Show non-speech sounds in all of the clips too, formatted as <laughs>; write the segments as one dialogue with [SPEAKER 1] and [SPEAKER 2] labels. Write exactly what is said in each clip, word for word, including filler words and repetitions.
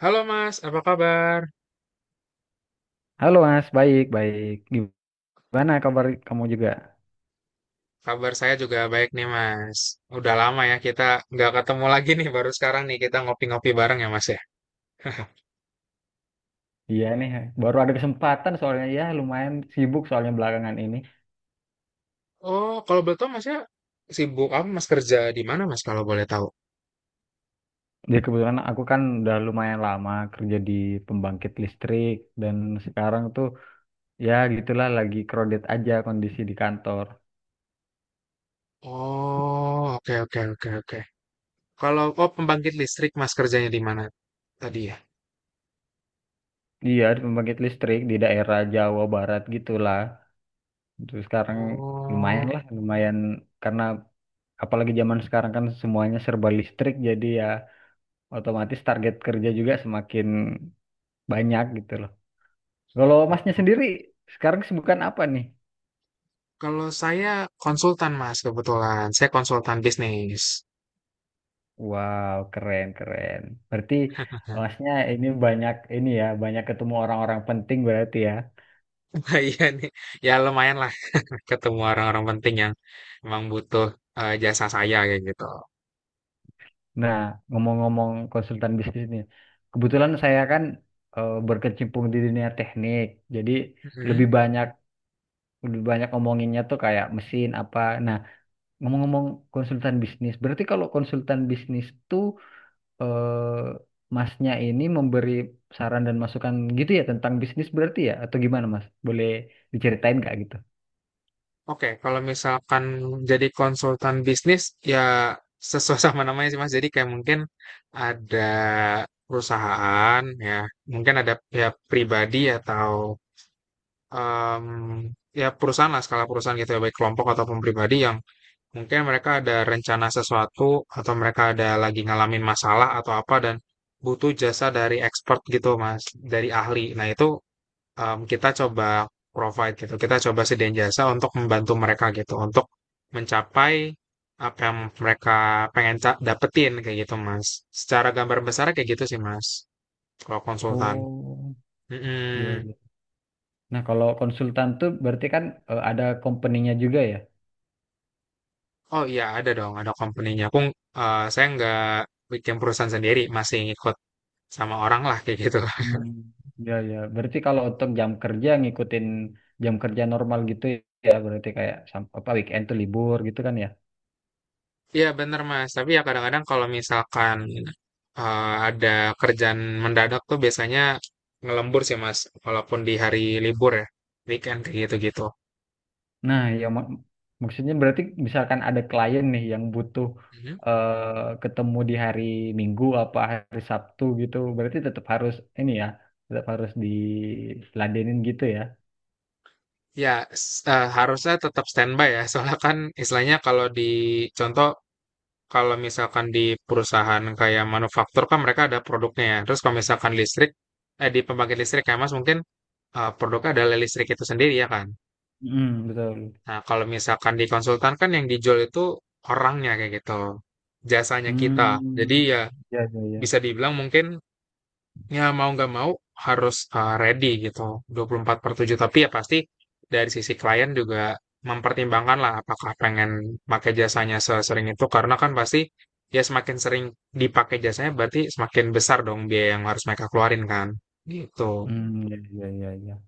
[SPEAKER 1] Halo Mas, apa kabar?
[SPEAKER 2] Halo Mas, baik, baik. Gimana kabar kamu juga?
[SPEAKER 1] Kabar saya juga baik nih Mas. Udah lama ya kita nggak ketemu lagi nih, baru sekarang nih kita ngopi-ngopi bareng ya Mas ya. <laughs>
[SPEAKER 2] Iya nih, baru ada kesempatan soalnya ya lumayan sibuk soalnya belakangan ini.
[SPEAKER 1] Oh, kalau boleh tahu Mas ya sibuk apa Mas kerja di mana Mas kalau boleh tahu?
[SPEAKER 2] Jadi kebetulan aku kan udah lumayan lama kerja di pembangkit listrik dan sekarang tuh ya gitulah lagi crowded aja kondisi di kantor.
[SPEAKER 1] Oh, oke oke oke oke. Kalau oh pembangkit listrik Mas kerjanya di mana tadi ya?
[SPEAKER 2] Iya, di pembangkit listrik di daerah Jawa Barat gitulah. Terus sekarang lumayan
[SPEAKER 1] Oh,
[SPEAKER 2] lah, lumayan karena apalagi zaman sekarang kan semuanya serba listrik jadi ya otomatis target kerja juga semakin banyak gitu loh. Kalau masnya
[SPEAKER 1] oh.
[SPEAKER 2] sendiri sekarang kesibukan apa nih?
[SPEAKER 1] Kalau saya konsultan Mas kebetulan, saya konsultan bisnis.
[SPEAKER 2] Wow, keren keren. Berarti
[SPEAKER 1] <laughs>
[SPEAKER 2] masnya ini banyak ini ya, banyak ketemu orang-orang penting berarti ya.
[SPEAKER 1] Iya nih, ya lumayan lah ketemu orang-orang penting yang memang butuh eh, jasa saya kayak gitu.
[SPEAKER 2] Nah, ngomong-ngomong konsultan bisnis nih, kebetulan saya kan eh, berkecimpung di dunia teknik, jadi lebih
[SPEAKER 1] Mhm.
[SPEAKER 2] banyak lebih banyak ngomonginnya tuh kayak mesin apa. Nah, ngomong-ngomong konsultan bisnis, berarti kalau konsultan bisnis tuh eh, masnya ini memberi saran dan masukan gitu ya tentang bisnis berarti ya atau gimana mas? Boleh diceritain nggak gitu?
[SPEAKER 1] Oke, kalau misalkan jadi konsultan bisnis ya sesuai <laughs> sama namanya sih Mas. Jadi kayak mungkin ada perusahaan ya, mungkin ada pihak pribadi atau em, ya perusahaan lah skala perusahaan gitu ya baik kelompok ataupun pribadi yang mungkin mereka ada rencana sesuatu atau mereka ada lagi ngalamin masalah atau apa dan butuh jasa dari expert gitu Mas, dari ahli. Nah, itu em, kita coba provide gitu, kita coba sediain jasa untuk membantu mereka gitu, untuk mencapai apa yang mereka pengen ca- dapetin kayak gitu Mas. Secara gambar besar kayak gitu sih Mas, kalau konsultan.
[SPEAKER 2] Oh, iya,
[SPEAKER 1] Mm-mm.
[SPEAKER 2] iya. Nah, kalau konsultan tuh berarti kan eh, ada company-nya juga ya?
[SPEAKER 1] Oh iya ada dong, ada company-nya. Aku eh, saya nggak bikin perusahaan sendiri, masih ngikut sama orang lah kayak gitu.
[SPEAKER 2] Hmm. Ya, ya. Berarti kalau untuk jam kerja ngikutin jam kerja normal gitu ya, berarti kayak sam- apa weekend tuh libur gitu kan ya?
[SPEAKER 1] Iya bener Mas, tapi ya kadang-kadang kalau misalkan eh, ada kerjaan mendadak tuh biasanya ngelembur sih Mas, walaupun di hari libur ya, weekend kayak gitu-gitu.
[SPEAKER 2] Nah, yang mak- maksudnya berarti misalkan ada klien nih yang butuh
[SPEAKER 1] Mhm.
[SPEAKER 2] eh, ketemu di hari Minggu apa hari Sabtu gitu, berarti tetap harus ini ya, tetap harus diladenin gitu ya.
[SPEAKER 1] Ya s- eh, harusnya tetap standby ya, <laughs> soalnya kan istilahnya kalau di contoh kalau misalkan di perusahaan kayak manufaktur kan mereka ada produknya ya, terus kalau misalkan listrik, eh, di pembangkit listrik ya Mas mungkin eh, produknya adalah listrik itu sendiri ya kan.
[SPEAKER 2] Hmm, betul.
[SPEAKER 1] Nah, kalau misalkan di konsultan kan yang dijual itu orangnya kayak gitu, jasanya kita.
[SPEAKER 2] Hmm,
[SPEAKER 1] Jadi ya
[SPEAKER 2] ya ya ya.
[SPEAKER 1] bisa dibilang mungkin ya mau nggak mau harus eh, ready gitu dua puluh empat per tujuh. Tapi ya pasti dari sisi klien juga mempertimbangkan lah apakah pengen pakai jasanya sesering itu. Karena kan pasti ya semakin sering dipakai jasanya berarti semakin besar dong biaya yang harus mereka keluarin kan. Gitu.
[SPEAKER 2] Hmm, ya ya ya ya.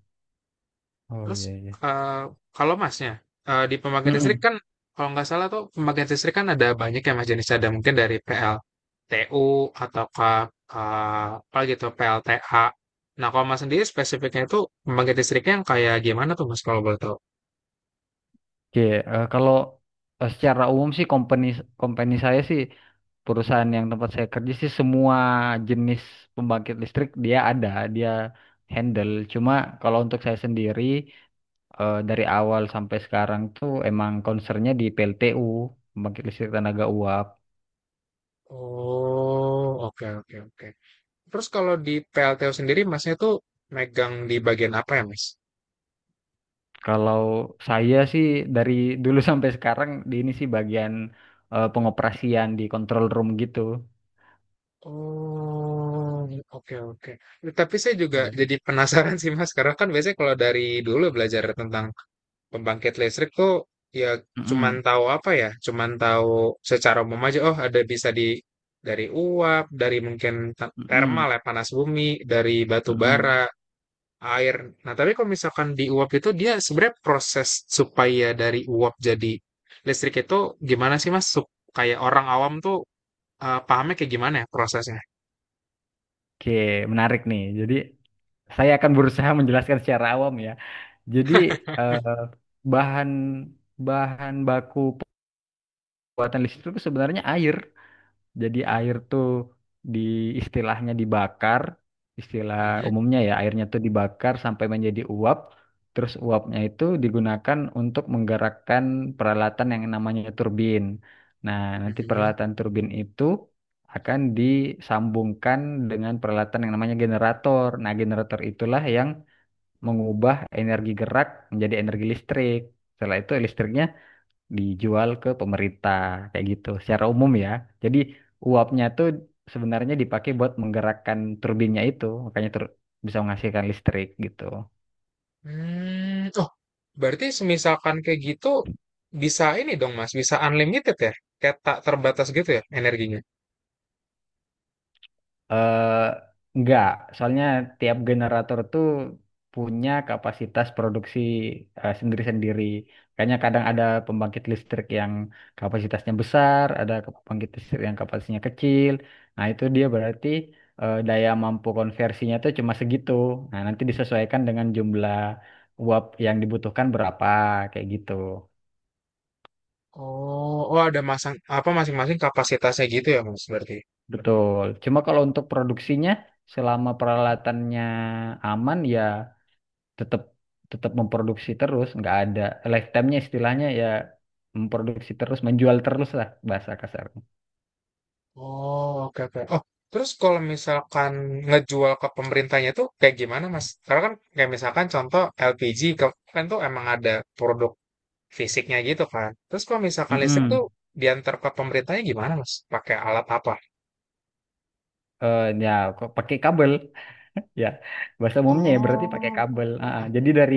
[SPEAKER 2] Oh
[SPEAKER 1] Terus,
[SPEAKER 2] ya ya.
[SPEAKER 1] eee, kalau Masnya, eee, di pembangkit listrik
[SPEAKER 2] Hmm.
[SPEAKER 1] kan kalau nggak salah tuh pembangkit listrik kan ada banyak ya Mas jenisnya, ada mungkin dari P L T U ataukah, eee, apa gitu, P L T A. Nah, kalau Mas sendiri spesifiknya itu pembangkit listriknya yang kayak gimana tuh Mas kalau boleh tahu?
[SPEAKER 2] Oke, eh, kalau eh, secara umum sih company company saya sih perusahaan yang tempat saya kerja sih semua jenis pembangkit listrik dia ada, dia handle. Cuma kalau untuk saya sendiri eh, dari awal sampai sekarang tuh emang concernnya di P L T U, pembangkit listrik tenaga uap.
[SPEAKER 1] Oh, oke oke oke. Terus kalau di P L T U sendiri Masnya tuh megang di bagian apa ya Mas?
[SPEAKER 2] Kalau saya sih dari <laughs> dulu sampai sekarang di ini sih bagian eh, pengoperasian di control room gitu.
[SPEAKER 1] Oh, iya, oke oke. Tapi saya juga
[SPEAKER 2] Ya.
[SPEAKER 1] jadi penasaran sih Mas, karena kan biasanya kalau dari dulu belajar tentang pembangkit listrik tuh ya cuman
[SPEAKER 2] Mm-mm.
[SPEAKER 1] tahu apa ya, cuman tahu secara umum aja. Oh, ada bisa di dari uap, dari mungkin te- thermal
[SPEAKER 2] Mm-mm.
[SPEAKER 1] ya panas bumi, dari batu
[SPEAKER 2] Mm-mm.
[SPEAKER 1] bara, air. Nah, tapi kalau misalkan di uap itu dia sebenarnya proses supaya dari uap jadi listrik itu gimana sih Mas? Sup- Kayak orang awam tuh eh, pahamnya kayak gimana ya prosesnya?
[SPEAKER 2] Oke, menarik nih. Jadi saya akan berusaha menjelaskan secara awam ya. Jadi eh, bahan bahan baku pembuatan listrik itu sebenarnya air. Jadi air tuh di istilahnya dibakar, istilah umumnya ya airnya tuh dibakar sampai menjadi uap. Terus uapnya itu digunakan untuk menggerakkan peralatan yang namanya turbin. Nah, nanti
[SPEAKER 1] Mhm.
[SPEAKER 2] peralatan turbin itu akan disambungkan dengan peralatan yang namanya generator. Nah, generator itulah yang mengubah energi gerak menjadi energi listrik. Setelah itu listriknya dijual ke pemerintah kayak gitu secara umum ya. Jadi uapnya tuh sebenarnya dipakai buat menggerakkan turbinnya itu, makanya tur- bisa menghasilkan listrik gitu.
[SPEAKER 1] Mmm, oh, berarti semisalkan kayak gitu, bisa ini dong Mas, bisa unlimited ya? Kayak tak terbatas gitu ya energinya?
[SPEAKER 2] eh enggak, soalnya tiap generator tuh punya kapasitas produksi eh, sendiri-sendiri. Kayaknya kadang ada pembangkit listrik yang kapasitasnya besar, ada ke- pembangkit listrik yang kapasitasnya kecil. Nah, itu dia berarti eh, daya mampu konversinya tuh cuma segitu. Nah, nanti disesuaikan dengan jumlah uap yang dibutuhkan berapa, kayak gitu.
[SPEAKER 1] Oh oh ada masang apa, masing-masing kapasitasnya gitu ya Mas, berarti?
[SPEAKER 2] Betul. Cuma kalau untuk produksinya, selama peralatannya aman ya tetap tetap memproduksi terus nggak ada lifetime-nya istilahnya ya memproduksi terus menjual terus lah bahasa kasar.
[SPEAKER 1] Oh, oke oke. Oh, terus kalau misalkan ngejual ke pemerintahnya tuh kayak gimana Mas? Karena kan kayak misalkan contoh L P G ke kan tuh emang ada produk fisiknya gitu kan. Terus kalau misalkan listrik tuh
[SPEAKER 2] mm
[SPEAKER 1] diantar ke pemerintahnya gimana Mas? Pakai alat apa?
[SPEAKER 2] Ya kok pakai kabel, <laughs> ya bahasa umumnya ya berarti pakai kabel. Ah, ah.
[SPEAKER 1] Oh.
[SPEAKER 2] Jadi dari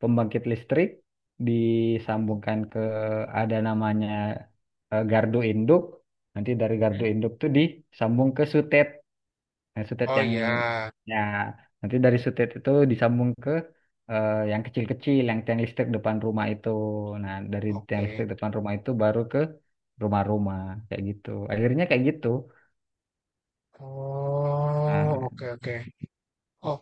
[SPEAKER 2] pembangkit listrik disambungkan ke, ada namanya eh, gardu induk, nanti dari gardu
[SPEAKER 1] Hmm?
[SPEAKER 2] induk tuh disambung ke sutet. Nah, sutet
[SPEAKER 1] Oh
[SPEAKER 2] yang
[SPEAKER 1] ya,
[SPEAKER 2] ya, nanti dari sutet itu disambung ke eh, yang kecil-kecil, yang tiang listrik depan rumah itu. Nah, dari tiang
[SPEAKER 1] oke.
[SPEAKER 2] listrik depan rumah itu baru ke rumah-rumah kayak gitu. Akhirnya kayak gitu.
[SPEAKER 1] Oh,
[SPEAKER 2] Nah,
[SPEAKER 1] oke oke. Oh,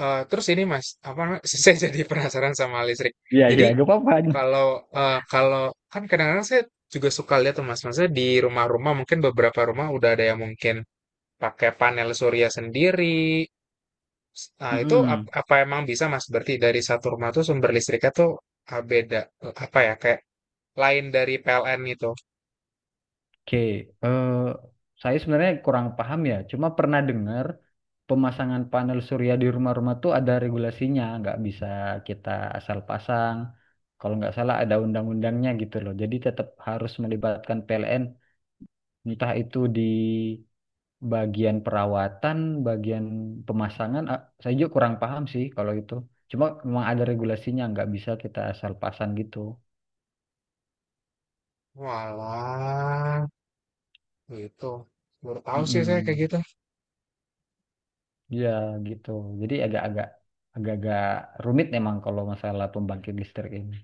[SPEAKER 1] eh, terus ini Mas, apa namanya? <laughs> Saya jadi penasaran sama listrik.
[SPEAKER 2] iya
[SPEAKER 1] Jadi
[SPEAKER 2] iya gak apa-apa.
[SPEAKER 1] kalau eh, kalau kan kadang-kadang saya juga suka lihat tuh Mas, maksudnya di rumah-rumah mungkin beberapa rumah udah ada yang mungkin pakai panel surya sendiri. Nah, itu ap-
[SPEAKER 2] Mm-mm.
[SPEAKER 1] apa emang bisa Mas? Berarti dari satu rumah tuh sumber listriknya tuh ah, beda, eh, apa ya kayak lain dari P L N gitu.
[SPEAKER 2] Oke, eh, saya sebenarnya kurang paham ya. Cuma pernah dengar pemasangan panel surya di rumah-rumah tuh ada regulasinya, nggak bisa kita asal pasang. Kalau nggak salah ada undang-undangnya gitu loh. Jadi tetap harus melibatkan P L N, entah itu di bagian perawatan, bagian pemasangan. Ah, saya juga kurang paham sih kalau itu. Cuma memang ada regulasinya, nggak bisa kita asal pasang gitu.
[SPEAKER 1] Walah. Gitu. Baru tahu sih saya kayak
[SPEAKER 2] Mm-mm.
[SPEAKER 1] gitu.
[SPEAKER 2] Ya gitu. Jadi agak-agak agak-agak rumit memang kalau masalah pembangkit listrik ini.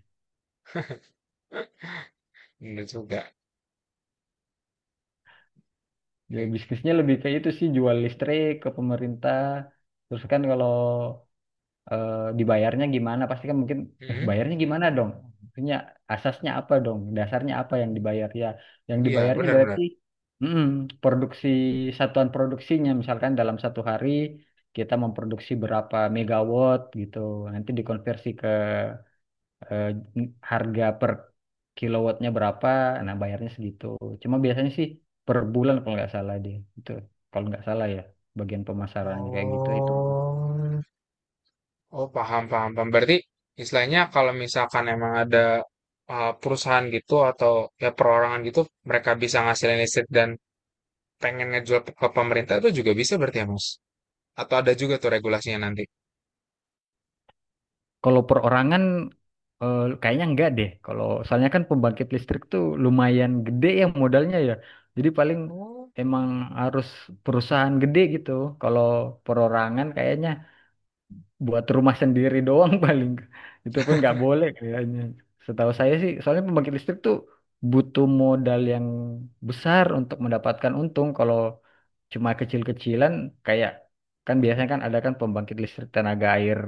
[SPEAKER 1] Bener juga.
[SPEAKER 2] Ya
[SPEAKER 1] Kayak,
[SPEAKER 2] bisnisnya lebih ke itu sih, jual listrik ke pemerintah. Terus kan kalau eh, dibayarnya gimana pasti kan mungkin "Eh,
[SPEAKER 1] hmm?
[SPEAKER 2] bayarnya gimana dong? Maksudnya asasnya apa dong? Dasarnya apa yang dibayar ya?" Yang
[SPEAKER 1] Iya,
[SPEAKER 2] dibayarnya
[SPEAKER 1] benar-benar.
[SPEAKER 2] berarti mm, produksi, satuan produksinya misalkan dalam satu hari kita memproduksi berapa megawatt gitu. Nanti dikonversi ke eh, harga per kilowattnya berapa, nah bayarnya segitu. Cuma biasanya sih per bulan kalau nggak salah deh itu, kalau nggak salah ya bagian pemasarannya kayak gitu itu.
[SPEAKER 1] Oh, oh paham, paham, paham. Berarti istilahnya kalau misalkan emang ada uh, perusahaan gitu atau ya perorangan gitu, mereka bisa ngasilin listrik dan pengen ngejual pe- ke pemerintah itu juga bisa berarti ya, Mas? Atau ada juga tuh regulasinya nanti?
[SPEAKER 2] Kalau perorangan eh, kayaknya enggak deh. Kalau soalnya kan pembangkit listrik tuh lumayan gede ya modalnya ya. Jadi paling
[SPEAKER 1] Oh,
[SPEAKER 2] emang harus perusahaan gede gitu. Kalau perorangan kayaknya buat rumah sendiri doang <laughs> paling, itu pun nggak boleh kayaknya setahu saya sih, soalnya pembangkit listrik tuh butuh modal yang besar untuk mendapatkan untung. Kalau cuma kecil-kecilan kayak, kan biasanya kan ada kan pembangkit listrik tenaga air,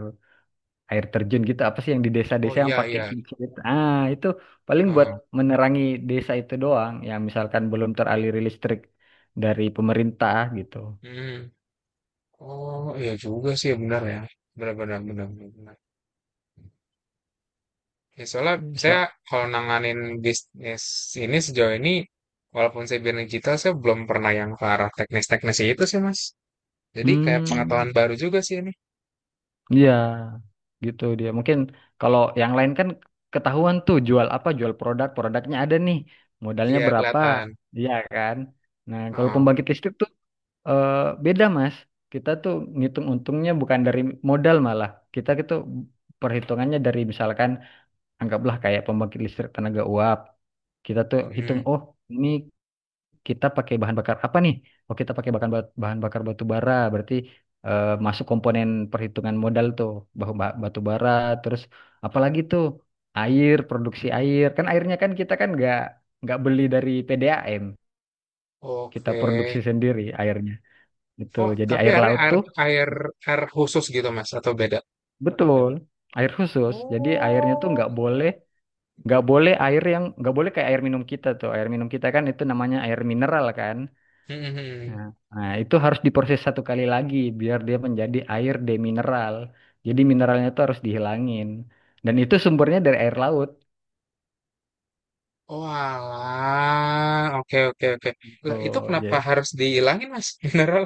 [SPEAKER 2] air terjun gitu apa sih yang di
[SPEAKER 1] oh
[SPEAKER 2] desa-desa yang
[SPEAKER 1] iya,
[SPEAKER 2] pakai
[SPEAKER 1] iya.
[SPEAKER 2] kincir, ah itu paling buat
[SPEAKER 1] Heeh.
[SPEAKER 2] menerangi desa itu doang yang misalkan belum teraliri listrik dari pemerintah gitu.
[SPEAKER 1] Hmm. Oh, iya juga sih, benar ya. Benar, benar, benar, benar. Ya, soalnya
[SPEAKER 2] So,
[SPEAKER 1] saya kalau nanganin bisnis ini sejauh ini, walaupun saya bidang digital, saya belum pernah yang ke arah teknis-teknis itu sih, Mas. Jadi kayak pengetahuan
[SPEAKER 2] hmm.
[SPEAKER 1] baru juga sih ini.
[SPEAKER 2] Iya, gitu dia. Mungkin kalau yang lain kan ketahuan tuh jual apa, jual produk, produknya ada nih, modalnya
[SPEAKER 1] Iya,
[SPEAKER 2] berapa,
[SPEAKER 1] kelihatan.
[SPEAKER 2] iya kan. Nah, kalau
[SPEAKER 1] Heeh.
[SPEAKER 2] pembangkit listrik tuh eh, beda Mas. Kita tuh ngitung untungnya bukan dari modal malah. Kita itu perhitungannya dari misalkan anggaplah kayak pembangkit listrik tenaga uap. Kita tuh hitung,
[SPEAKER 1] Mm.
[SPEAKER 2] oh ini kita pakai bahan bakar apa nih? Oh, kita pakai bahan bahan bakar batu bara, berarti eh, masuk komponen perhitungan modal tuh, bahu ba- batu bara, terus apalagi tuh air, produksi air. Kan airnya kan kita kan nggak nggak beli dari P D A M, kita
[SPEAKER 1] Oke.
[SPEAKER 2] produksi sendiri airnya. Itu
[SPEAKER 1] Oh,
[SPEAKER 2] jadi
[SPEAKER 1] tapi
[SPEAKER 2] air
[SPEAKER 1] airnya
[SPEAKER 2] laut
[SPEAKER 1] air,
[SPEAKER 2] tuh
[SPEAKER 1] air, air khusus gitu, Mas, atau beda?
[SPEAKER 2] betul, air khusus. Jadi airnya tuh
[SPEAKER 1] Oh.
[SPEAKER 2] nggak boleh, nggak boleh air yang nggak boleh kayak air minum. Kita tuh air minum kita kan itu namanya air mineral kan.
[SPEAKER 1] Mhm.
[SPEAKER 2] Nah, nah, itu harus diproses satu kali lagi biar dia menjadi air demineral. Jadi mineralnya itu harus dihilangin. Dan itu sumbernya dari air laut.
[SPEAKER 1] Oh, alah. Oke, oke, oke. Lah, itu
[SPEAKER 2] Tuh, ya.
[SPEAKER 1] kenapa harus dihilangin, Mas? <laughs> Mineral.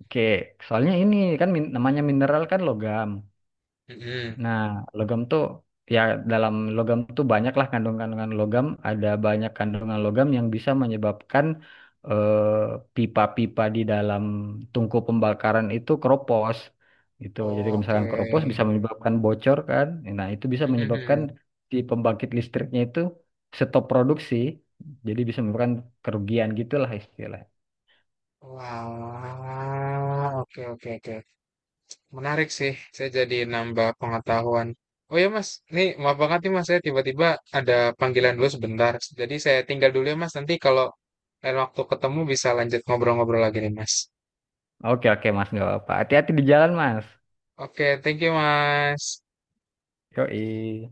[SPEAKER 2] Oke, soalnya ini kan min- namanya mineral kan logam.
[SPEAKER 1] Mhm.
[SPEAKER 2] Nah, logam tuh ya dalam logam tuh banyaklah kandungan-kandungan logam. Ada banyak kandungan logam yang bisa menyebabkan eh, pipa-pipa di dalam tungku pembakaran itu keropos. Gitu. Jadi kalau
[SPEAKER 1] Oke.
[SPEAKER 2] misalkan keropos bisa menyebabkan bocor kan. Nah, itu bisa menyebabkan
[SPEAKER 1] Mhm.
[SPEAKER 2] si pembangkit listriknya itu stop produksi. Jadi bisa menyebabkan kerugian gitulah istilahnya.
[SPEAKER 1] Walah, oke oke oke. Menarik sih, saya jadi nambah pengetahuan. Oh ya Mas, nih maaf banget nih Mas, saya tiba-tiba ada panggilan dulu sebentar. Jadi saya tinggal dulu ya Mas, nanti kalau lain waktu ketemu bisa lanjut ngobrol-ngobrol lagi nih Mas.
[SPEAKER 2] Oke oke Mas, nggak apa-apa. Hati-hati di jalan Mas.
[SPEAKER 1] Oke, thank you Mas.
[SPEAKER 2] Yoi.